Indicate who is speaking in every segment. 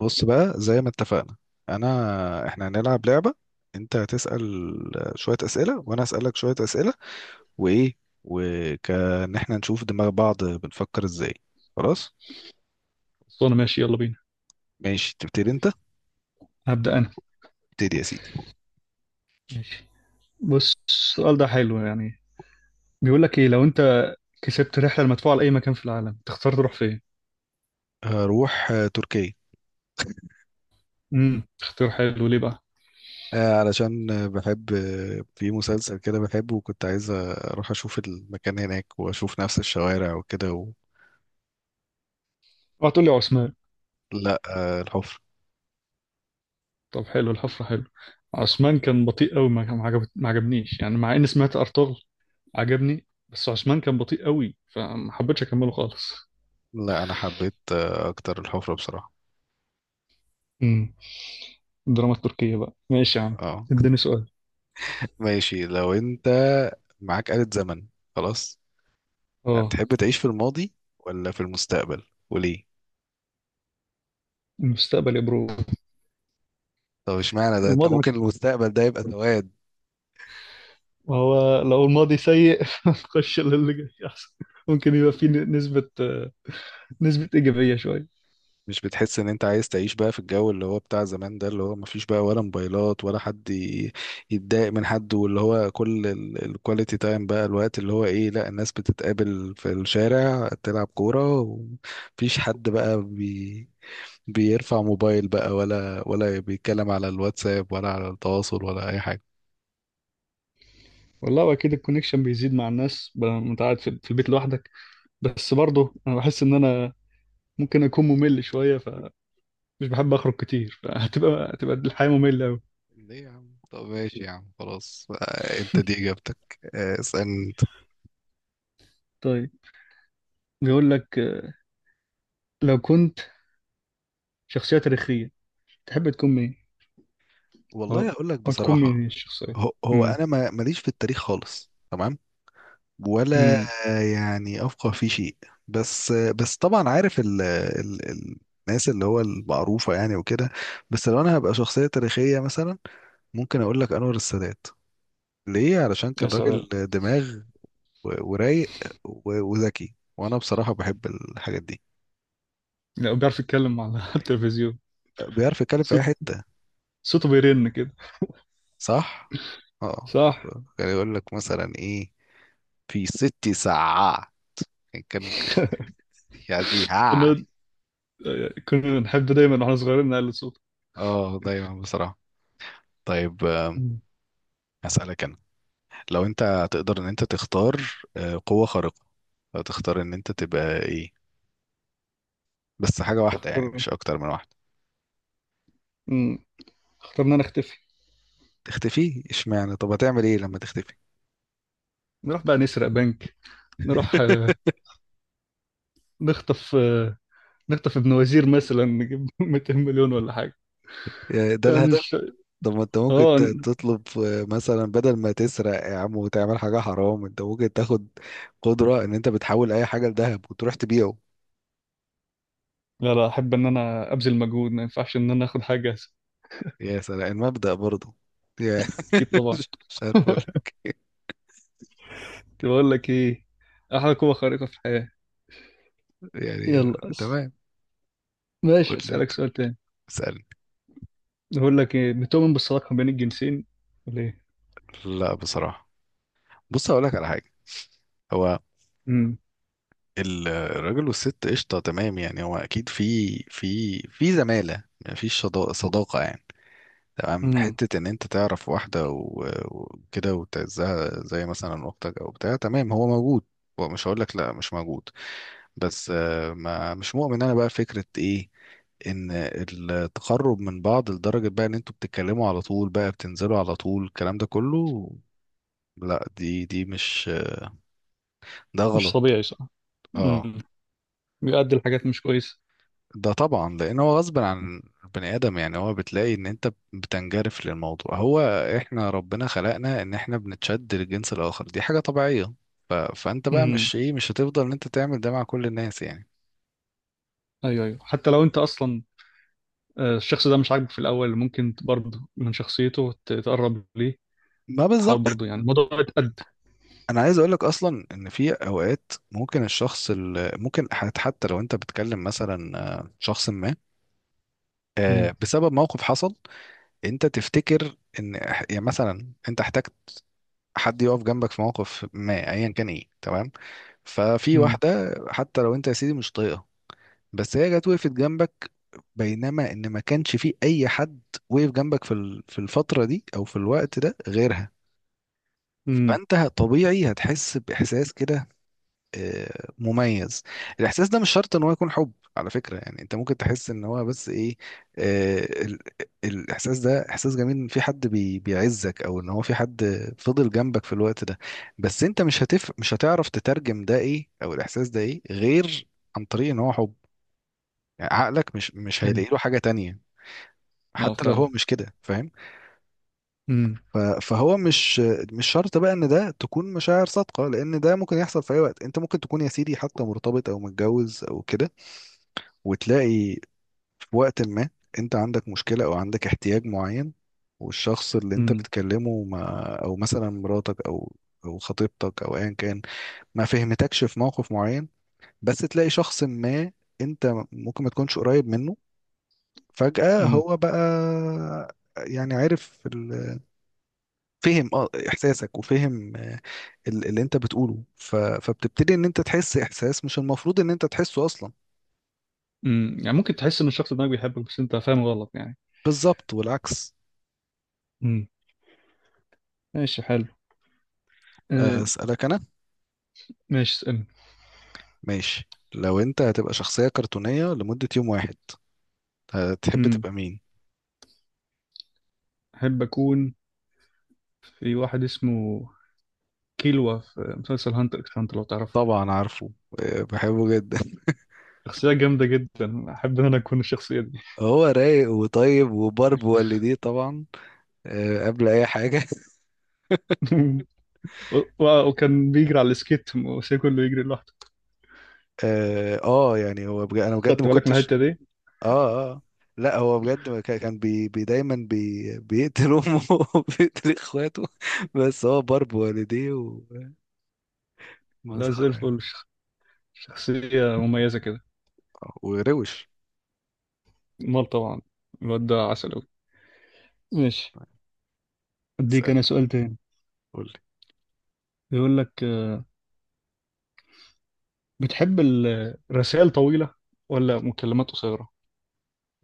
Speaker 1: بص بقى، زي ما اتفقنا، احنا هنلعب لعبة. انت هتسأل شوية أسئلة، وانا هسألك شوية أسئلة، وايه، وكان احنا نشوف دماغ بعض بنفكر ازاي. خلاص،
Speaker 2: خلصانة، ماشي، يلا بينا.
Speaker 1: ماشي تبتدي انت.
Speaker 2: هبدأ أنا.
Speaker 1: ابتدي يا سيدي.
Speaker 2: ماشي. بص، السؤال ده حلو يعني. بيقول لك، إيه لو أنت كسبت رحلة المدفوعة لأي مكان في العالم تختار تروح فين؟
Speaker 1: هروح تركيا.
Speaker 2: اختيار حلو، ليه بقى؟
Speaker 1: علشان بحب في مسلسل كده بحبه، وكنت عايز اروح اشوف المكان هناك واشوف نفس الشوارع وكده و...
Speaker 2: اوعى تقول لي عثمان.
Speaker 1: لا الحفرة.
Speaker 2: طب حلو، الحفرة حلو. عثمان كان بطيء قوي، ما عجبنيش يعني، مع إني سمعت أرطغرل عجبني، بس عثمان كان بطيء قوي فما حبيتش أكمله خالص.
Speaker 1: لا انا حبيت اكتر الحفرة بصراحة.
Speaker 2: امم. الدراما التركية بقى، ماشي يا عم.
Speaker 1: اه
Speaker 2: اديني سؤال.
Speaker 1: ماشي. لو انت معاك آلة زمن، خلاص،
Speaker 2: اه.
Speaker 1: هتحب تعيش في الماضي ولا في المستقبل؟ وليه؟
Speaker 2: المستقبل يا برو.
Speaker 1: طب اشمعنى ده؟ انت
Speaker 2: الماضي.
Speaker 1: ممكن المستقبل ده يبقى سواد.
Speaker 2: ما هو لو الماضي سيء نخش للي جاي احسن. ممكن يبقى فيه نسبة إيجابية شوية.
Speaker 1: مش بتحس ان انت عايز تعيش بقى في الجو اللي هو بتاع زمان ده، اللي هو مفيش بقى ولا موبايلات، ولا حد يتضايق من حد، واللي هو كل الكواليتي تايم بقى، الوقت اللي هو ايه، لا الناس بتتقابل في الشارع تلعب كورة، ومفيش حد بقى بيرفع موبايل بقى، ولا بيتكلم على الواتساب، ولا على التواصل، ولا اي حاجه؟
Speaker 2: والله أكيد الكونكشن بيزيد مع الناس بقى، لما أنت قاعد في البيت لوحدك. بس برضه أنا بحس إن أنا ممكن أكون ممل شوية، فمش بحب أخرج كتير، فهتبقى الحياة مملة أوي.
Speaker 1: ليه يا عم؟ طب ماشي يا عم، خلاص، انت دي اجابتك. اسالني انت.
Speaker 2: طيب. بيقول لك، لو كنت شخصية تاريخية تحب تكون مين؟
Speaker 1: والله
Speaker 2: أو
Speaker 1: اقول لك
Speaker 2: أو تكون مين
Speaker 1: بصراحه،
Speaker 2: هي الشخصية؟
Speaker 1: هو
Speaker 2: امم.
Speaker 1: انا ما ماليش في التاريخ خالص، تمام. ولا
Speaker 2: امم،
Speaker 1: يعني افقه في شيء، بس طبعا عارف ال الناس اللي هو المعروفه يعني وكده. بس لو انا هبقى شخصيه تاريخيه مثلا، ممكن اقول لك انور السادات. ليه؟ علشان
Speaker 2: يا
Speaker 1: كان
Speaker 2: سلام.
Speaker 1: راجل دماغ، ورايق، وذكي، وانا بصراحة بحب الحاجات دي.
Speaker 2: لا، بيعرف يتكلم على التلفزيون.
Speaker 1: بيعرف يتكلم في اي
Speaker 2: صوت،
Speaker 1: حتة.
Speaker 2: صوته بيرن كده.
Speaker 1: صح. اه.
Speaker 2: صح.
Speaker 1: كان يقول لك مثلا ايه في 6 ساعة، يعني كان يا جيها.
Speaker 2: كنا كنا نحب دايما واحنا صغيرين نعلي الصوت.
Speaker 1: اه دايما بصراحة. طيب
Speaker 2: مم.
Speaker 1: هسألك انا. لو انت تقدر ان انت تختار قوة خارقة، هتختار ان انت تبقى ايه؟ بس حاجة واحدة يعني،
Speaker 2: اخترنا
Speaker 1: مش اكتر من واحدة.
Speaker 2: مم. اخترنا نختفي.
Speaker 1: تختفي؟ اشمعنى؟ طب هتعمل ايه لما تختفي؟
Speaker 2: نروح بقى نسرق بنك. نروح آه، نخطف آه، نخطف ابن وزير مثلا، نجيب 200 مليون ولا حاجة.
Speaker 1: ده
Speaker 2: يعني
Speaker 1: الهدف.
Speaker 2: الش...
Speaker 1: طب ما انت ممكن
Speaker 2: اه. ن-.
Speaker 1: تطلب مثلا بدل ما تسرق يا عم وتعمل حاجة حرام، انت ممكن تاخد قدرة ان انت بتحول اي حاجة لذهب وتروح تبيعه.
Speaker 2: لا، لا، احب ان انا ابذل مجهود، ما ينفعش ان انا اخد حاجة.
Speaker 1: يا سلام، المبدأ برضه. يا-
Speaker 2: اكيد طبعا.
Speaker 1: مش عارف اقول
Speaker 2: بقول لك ايه، احلى قوة خارقة في الحياة.
Speaker 1: يعني.
Speaker 2: يلا أس...
Speaker 1: تمام. قول
Speaker 2: ماشي،
Speaker 1: لي،
Speaker 2: اسألك سؤال تاني.
Speaker 1: اسألني.
Speaker 2: بقول لك ايه، بتؤمن بالصداقة بين الجنسين ولا ايه؟
Speaker 1: لا بصراحة. بص هقول لك على حاجة، هو الراجل والست قشطة تمام، يعني هو اكيد في زمالة، مفيش صداقة يعني، تمام.
Speaker 2: امم
Speaker 1: حتة إن أنت تعرف واحدة وكده وتعزها زي مثلا أختك أو بتاع، تمام، هو موجود، هو مش هقول لك لا مش موجود. بس ما مش مؤمن أنا بقى فكرة إيه، إن التقرب من بعض لدرجة بقى إن أنتوا بتتكلموا على طول، بقى بتنزلوا على طول الكلام ده كله، لا دي دي مش ده
Speaker 2: مش
Speaker 1: غلط.
Speaker 2: طبيعي صح.
Speaker 1: اه
Speaker 2: امم. بيؤدي لحاجات مش كويسه.
Speaker 1: ده طبعا لان هو غصب عن البني ادم، يعني هو بتلاقي ان انت بتنجرف للموضوع، هو احنا ربنا خلقنا ان احنا بنتشد للجنس الاخر، دي حاجه طبيعيه. فانت بقى
Speaker 2: امم
Speaker 1: مش ايه، مش هتفضل ان انت تعمل ده مع كل الناس يعني.
Speaker 2: ايوه، ايوه، حتى لو انت اصلا الشخص ده مش عاجبك في الاول، ممكن برضه من شخصيته تتقرب ليه.
Speaker 1: ما بالظبط.
Speaker 2: تحاول برضه يعني الموضوع يتقد.
Speaker 1: انا عايز اقولك اصلا ان في اوقات ممكن الشخص اللي ممكن حتى لو انت بتكلم مثلا شخص ما
Speaker 2: امم
Speaker 1: بسبب موقف حصل، انت تفتكر ان يعني مثلا انت احتجت حد يقف جنبك في موقف ما، ايا كان ايه، تمام. ففي
Speaker 2: امم
Speaker 1: واحدة حتى لو انت يا سيدي مش طايقها، بس هي جت وقفت جنبك، بينما ان ما كانش في اي حد وقف جنبك في في الفترة دي او في الوقت ده غيرها.
Speaker 2: امم
Speaker 1: فانت طبيعي هتحس باحساس كده مميز. الاحساس ده مش شرط ان هو يكون حب على فكره، يعني انت ممكن تحس ان هو بس ايه، آه، ال- الاحساس ده احساس جميل، ان في حد بيعزك، او ان هو في حد فضل جنبك في الوقت ده، بس انت مش هتعرف تترجم ده ايه، او الاحساس ده ايه، غير عن طريق ان هو حب، يعني عقلك مش
Speaker 2: ايوه،
Speaker 1: هيلاقي له حاجه تانية،
Speaker 2: اه
Speaker 1: حتى لو
Speaker 2: فعلا.
Speaker 1: هو مش كده، فاهم.
Speaker 2: امم
Speaker 1: فهو مش مش شرط بقى ان ده تكون مشاعر صادقه، لان ده ممكن يحصل في اي وقت، انت ممكن تكون يا سيدي حتى مرتبط او متجوز او كده، وتلاقي في وقت ما انت عندك مشكلة او عندك احتياج معين، والشخص اللي انت
Speaker 2: امم
Speaker 1: بتكلمه ما، او مثلا مراتك او او خطيبتك او ايا كان، ما فهمتكش في موقف معين، بس تلاقي شخص ما انت ممكن ما تكونش قريب منه، فجأة
Speaker 2: امم
Speaker 1: هو بقى، يعني عارف فهم اه احساسك، وفهم اللي انت بتقوله، فبتبتدي ان انت تحس احساس مش المفروض ان انت تحسه اصلا.
Speaker 2: يعني ممكن تحس ان الشخص ده بيحبك، بس انت فاهم غلط يعني.
Speaker 1: بالظبط، والعكس.
Speaker 2: امم ماشي، حلو. آه،
Speaker 1: اسالك انا.
Speaker 2: ماشي، اسألني.
Speaker 1: ماشي لو انت هتبقى شخصية كرتونية لمدة يوم واحد، هتحب
Speaker 2: امم
Speaker 1: تبقى مين؟
Speaker 2: احب اكون في واحد اسمه كيلوا في مسلسل هانتر اكس هانتر، لو تعرفه.
Speaker 1: طبعا عارفه، بحبه جدا
Speaker 2: شخصية جامدة جدا، أحب إن أنا أكون الشخصية دي.
Speaker 1: هو رايق وطيب وبرب والديه طبعا، قبل اي حاجة
Speaker 2: وكان بيجري على السكيت وسي كله يجري لوحده.
Speaker 1: اه يعني هو بجد، انا بجد
Speaker 2: خدت
Speaker 1: ما
Speaker 2: بالك من
Speaker 1: كنتش.
Speaker 2: الحتة دي؟
Speaker 1: اه اه. لا هو بجد، ما كان بي بي دايما بيقتل امه وبيقتل اخواته، بس هو برب والديه،
Speaker 2: لا، زي
Speaker 1: ومسخرة يعني.
Speaker 2: الفل. شخصية مميزة كده.
Speaker 1: وروش.
Speaker 2: مال طبعا. الواد ده عسل أوي. ماشي، أديك أنا
Speaker 1: اسألنا،
Speaker 2: سؤال تاني.
Speaker 1: قول.
Speaker 2: بيقول لك، بتحب الرسائل طويلة ولا مكالمات قصيرة؟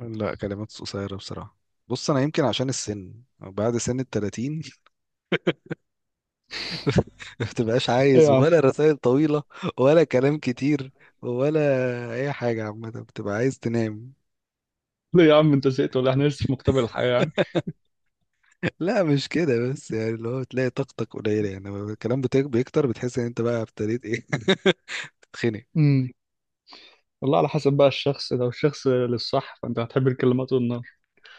Speaker 1: لا كلمات قصيرة بصراحة. بص أنا يمكن عشان السن، بعد سن ال30 ما بتبقاش
Speaker 2: إيه
Speaker 1: عايز،
Speaker 2: يا عم؟
Speaker 1: ولا رسائل طويلة، ولا كلام كتير، ولا أي حاجة عامة، بتبقى عايز تنام.
Speaker 2: ليه يا عم، أنت زهقت ولا إيه؟ إحنا لسه في مقتبل الحياة يعني؟
Speaker 1: لا مش كده، بس يعني اللي هو بتلاقي طاقتك قليلة يعني لما الكلام بيكتر، بتحس إن أنت بقى ابتديت إيه تتخنق.
Speaker 2: امم والله على حسب بقى الشخص، لو الشخص للصح فأنت هتحب الكلمات والنار.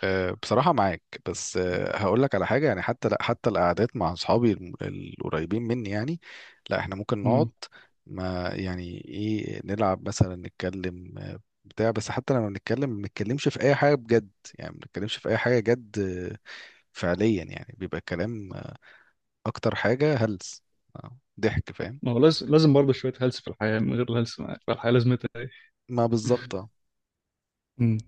Speaker 1: بصراحة معاك، بس هقول لك على حاجة. يعني حتى لا، حتى القعدات مع أصحابي القريبين مني يعني، لا احنا ممكن نقعد، ما يعني ايه، نلعب مثلا، نتكلم بتاع، بس حتى لما بنتكلم ما بنتكلمش في أي حاجة بجد يعني، ما بنتكلمش في أي حاجة جد فعليا يعني، بيبقى الكلام أكتر حاجة هلس، ضحك، فاهم.
Speaker 2: ما هو لازم، لازم برضه شوية هلس في الحياة، من غير الهلس الحياة لازمتها ايه.
Speaker 1: ما بالظبط آه.
Speaker 2: مم.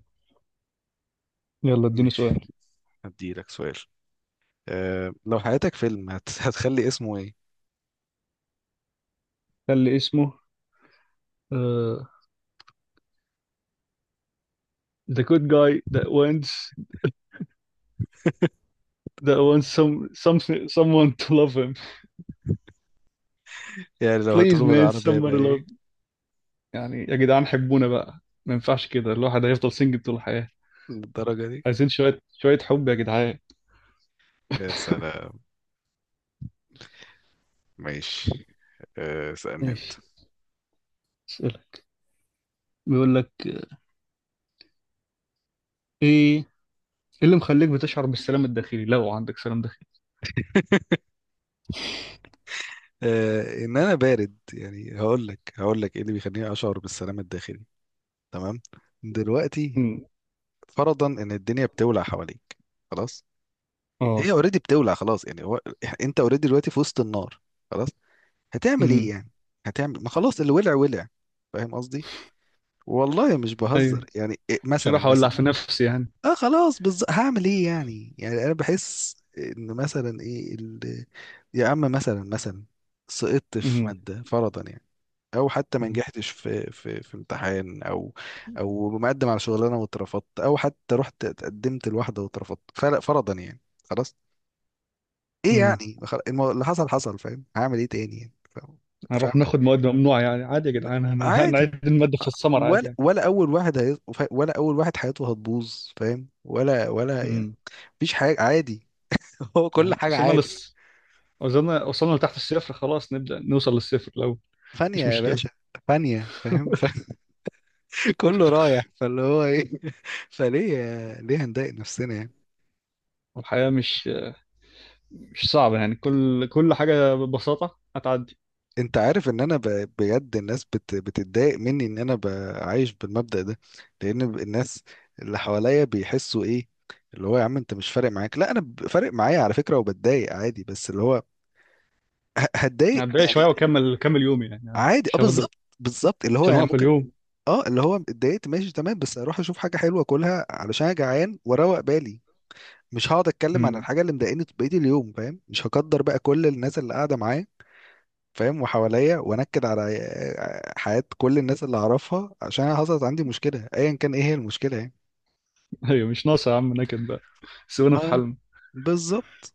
Speaker 2: يلا، اديني
Speaker 1: ماشي
Speaker 2: سؤال.
Speaker 1: هديلك سؤال. أه لو حياتك فيلم هتخلي اسمه ايه؟
Speaker 2: كان لي اسمه آه the good guy that wants some, someone to love him.
Speaker 1: يعني لو
Speaker 2: please
Speaker 1: هتقوله
Speaker 2: man
Speaker 1: بالعربية يبقى
Speaker 2: somebody love.
Speaker 1: ايه؟
Speaker 2: يعني يا جدعان، حبونا بقى. ما ينفعش كده، الواحد هيفضل سنجل طول الحياة.
Speaker 1: للدرجة دي؟
Speaker 2: عايزين شوية شوية حب يا جدعان.
Speaker 1: يا سلام. ماشي. اسألني انت.
Speaker 2: ماشي، اسألك. بيقول لك، إيه اللي مخليك بتشعر بالسلام الداخلي، لو عندك سلام داخلي.
Speaker 1: ان انا بارد يعني، هقول لك هقول لك ايه اللي بيخليني اشعر بالسلام الداخلي. تمام. دلوقتي
Speaker 2: مم.
Speaker 1: فرضا ان الدنيا بتولع حواليك، خلاص، هي
Speaker 2: اه.
Speaker 1: اوريدي بتولع خلاص يعني، هو انت اوريدي دلوقتي في وسط النار، خلاص، هتعمل ايه
Speaker 2: امم
Speaker 1: يعني؟ هتعمل ما، خلاص، اللي ولع ولع. فاهم قصدي؟ والله مش
Speaker 2: ايوه،
Speaker 1: بهزر يعني.
Speaker 2: مش
Speaker 1: مثلا،
Speaker 2: راح اولع
Speaker 1: مثلا،
Speaker 2: في نفسي يعني.
Speaker 1: اه خلاص بالظبط، هعمل ايه يعني؟ يعني انا بحس ان مثلا ايه يا عم مثلا مثلا سقطت في ماده فرضا يعني، او حتى ما
Speaker 2: امم.
Speaker 1: نجحتش في امتحان، او او مقدم على شغلانه واترفضت، او حتى رحت اتقدمت لواحده واترفضت، فرضا يعني. خلاص، ايه
Speaker 2: امم
Speaker 1: يعني، اللي حصل حصل، فاهم؟ هعمل ايه تاني يعني، فاهم؟ فاهم؟
Speaker 2: هنروح ناخد مواد ممنوعه يعني، عادي يا
Speaker 1: م-
Speaker 2: جدعان،
Speaker 1: عادي.
Speaker 2: هنعيد الماده في السمر عادي
Speaker 1: ولا
Speaker 2: يعني.
Speaker 1: ولا اول واحد هي... ولا اول واحد حياته هتبوظ، فاهم؟ ولا يعني
Speaker 2: امم
Speaker 1: مفيش حاجه عادي. هو كل
Speaker 2: يعني
Speaker 1: حاجة
Speaker 2: وصلنا
Speaker 1: عادي.
Speaker 2: لس، وصلنا لتحت الصفر، خلاص نبدا نوصل للصفر لو
Speaker 1: فانية
Speaker 2: مش
Speaker 1: يا
Speaker 2: مشكله.
Speaker 1: باشا. فانية، فاهم. كله رايح فاللي هو ايه، فليه. ليه هنضايق نفسنا يعني؟
Speaker 2: والحياه مش صعبه يعني، كل حاجه ببساطه هتعدي.
Speaker 1: انت عارف ان انا بجد الناس بتتضايق مني ان انا عايش بالمبدأ ده، لان الناس اللي حواليا بيحسوا ايه، اللي هو يا عم انت مش فارق معاك. لا انا فارق معايا على فكرة، وبتضايق عادي، بس اللي هو هتضايق
Speaker 2: هتضايق
Speaker 1: يعني.
Speaker 2: شويه واكمل يومي يعني عادي.
Speaker 1: عادي، اه
Speaker 2: مش هفضل.
Speaker 1: بالظبط، بالظبط، اللي
Speaker 2: مش
Speaker 1: هو يعني
Speaker 2: هنوقف
Speaker 1: ممكن،
Speaker 2: اليوم.
Speaker 1: اه اللي هو اتضايقت، ماشي تمام، بس اروح اشوف حاجة حلوة اكلها علشان انا جعان واروق بالي، مش هقعد اتكلم عن
Speaker 2: امم.
Speaker 1: الحاجه اللي مضايقاني بقيه اليوم، فاهم، مش هقدر بقى كل الناس اللي قاعده معايا، فاهم، وحواليا، وانكد على حياه كل الناس اللي اعرفها عشان أنا حصلت عندي مشكله، ايا كان ايه هي المشكله يعني.
Speaker 2: ايوه، مش ناقصه يا عم نكد بقى. سيبونا في
Speaker 1: اه
Speaker 2: حالنا.
Speaker 1: بالظبط.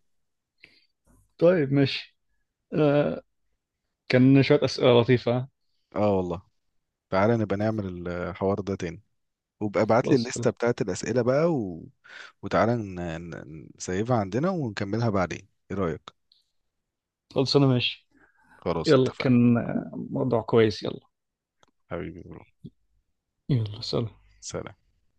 Speaker 2: طيب، ماشي. آه كان شويه اسئله لطيفه، ها؟
Speaker 1: اه والله. تعالى نبقى نعمل الحوار ده تاني، وابقى ابعت لي
Speaker 2: خلاص، يلا.
Speaker 1: الليسته بتاعت الاسئله بقى، و... وتعالى نسيبها عندنا ونكملها بعدين، ايه رايك؟
Speaker 2: خلاص انا ماشي.
Speaker 1: خلاص
Speaker 2: يلا،
Speaker 1: اتفقنا.
Speaker 2: كان موضوع كويس، يلا.
Speaker 1: حبيبي برو.
Speaker 2: يلا، سلام.
Speaker 1: سلام.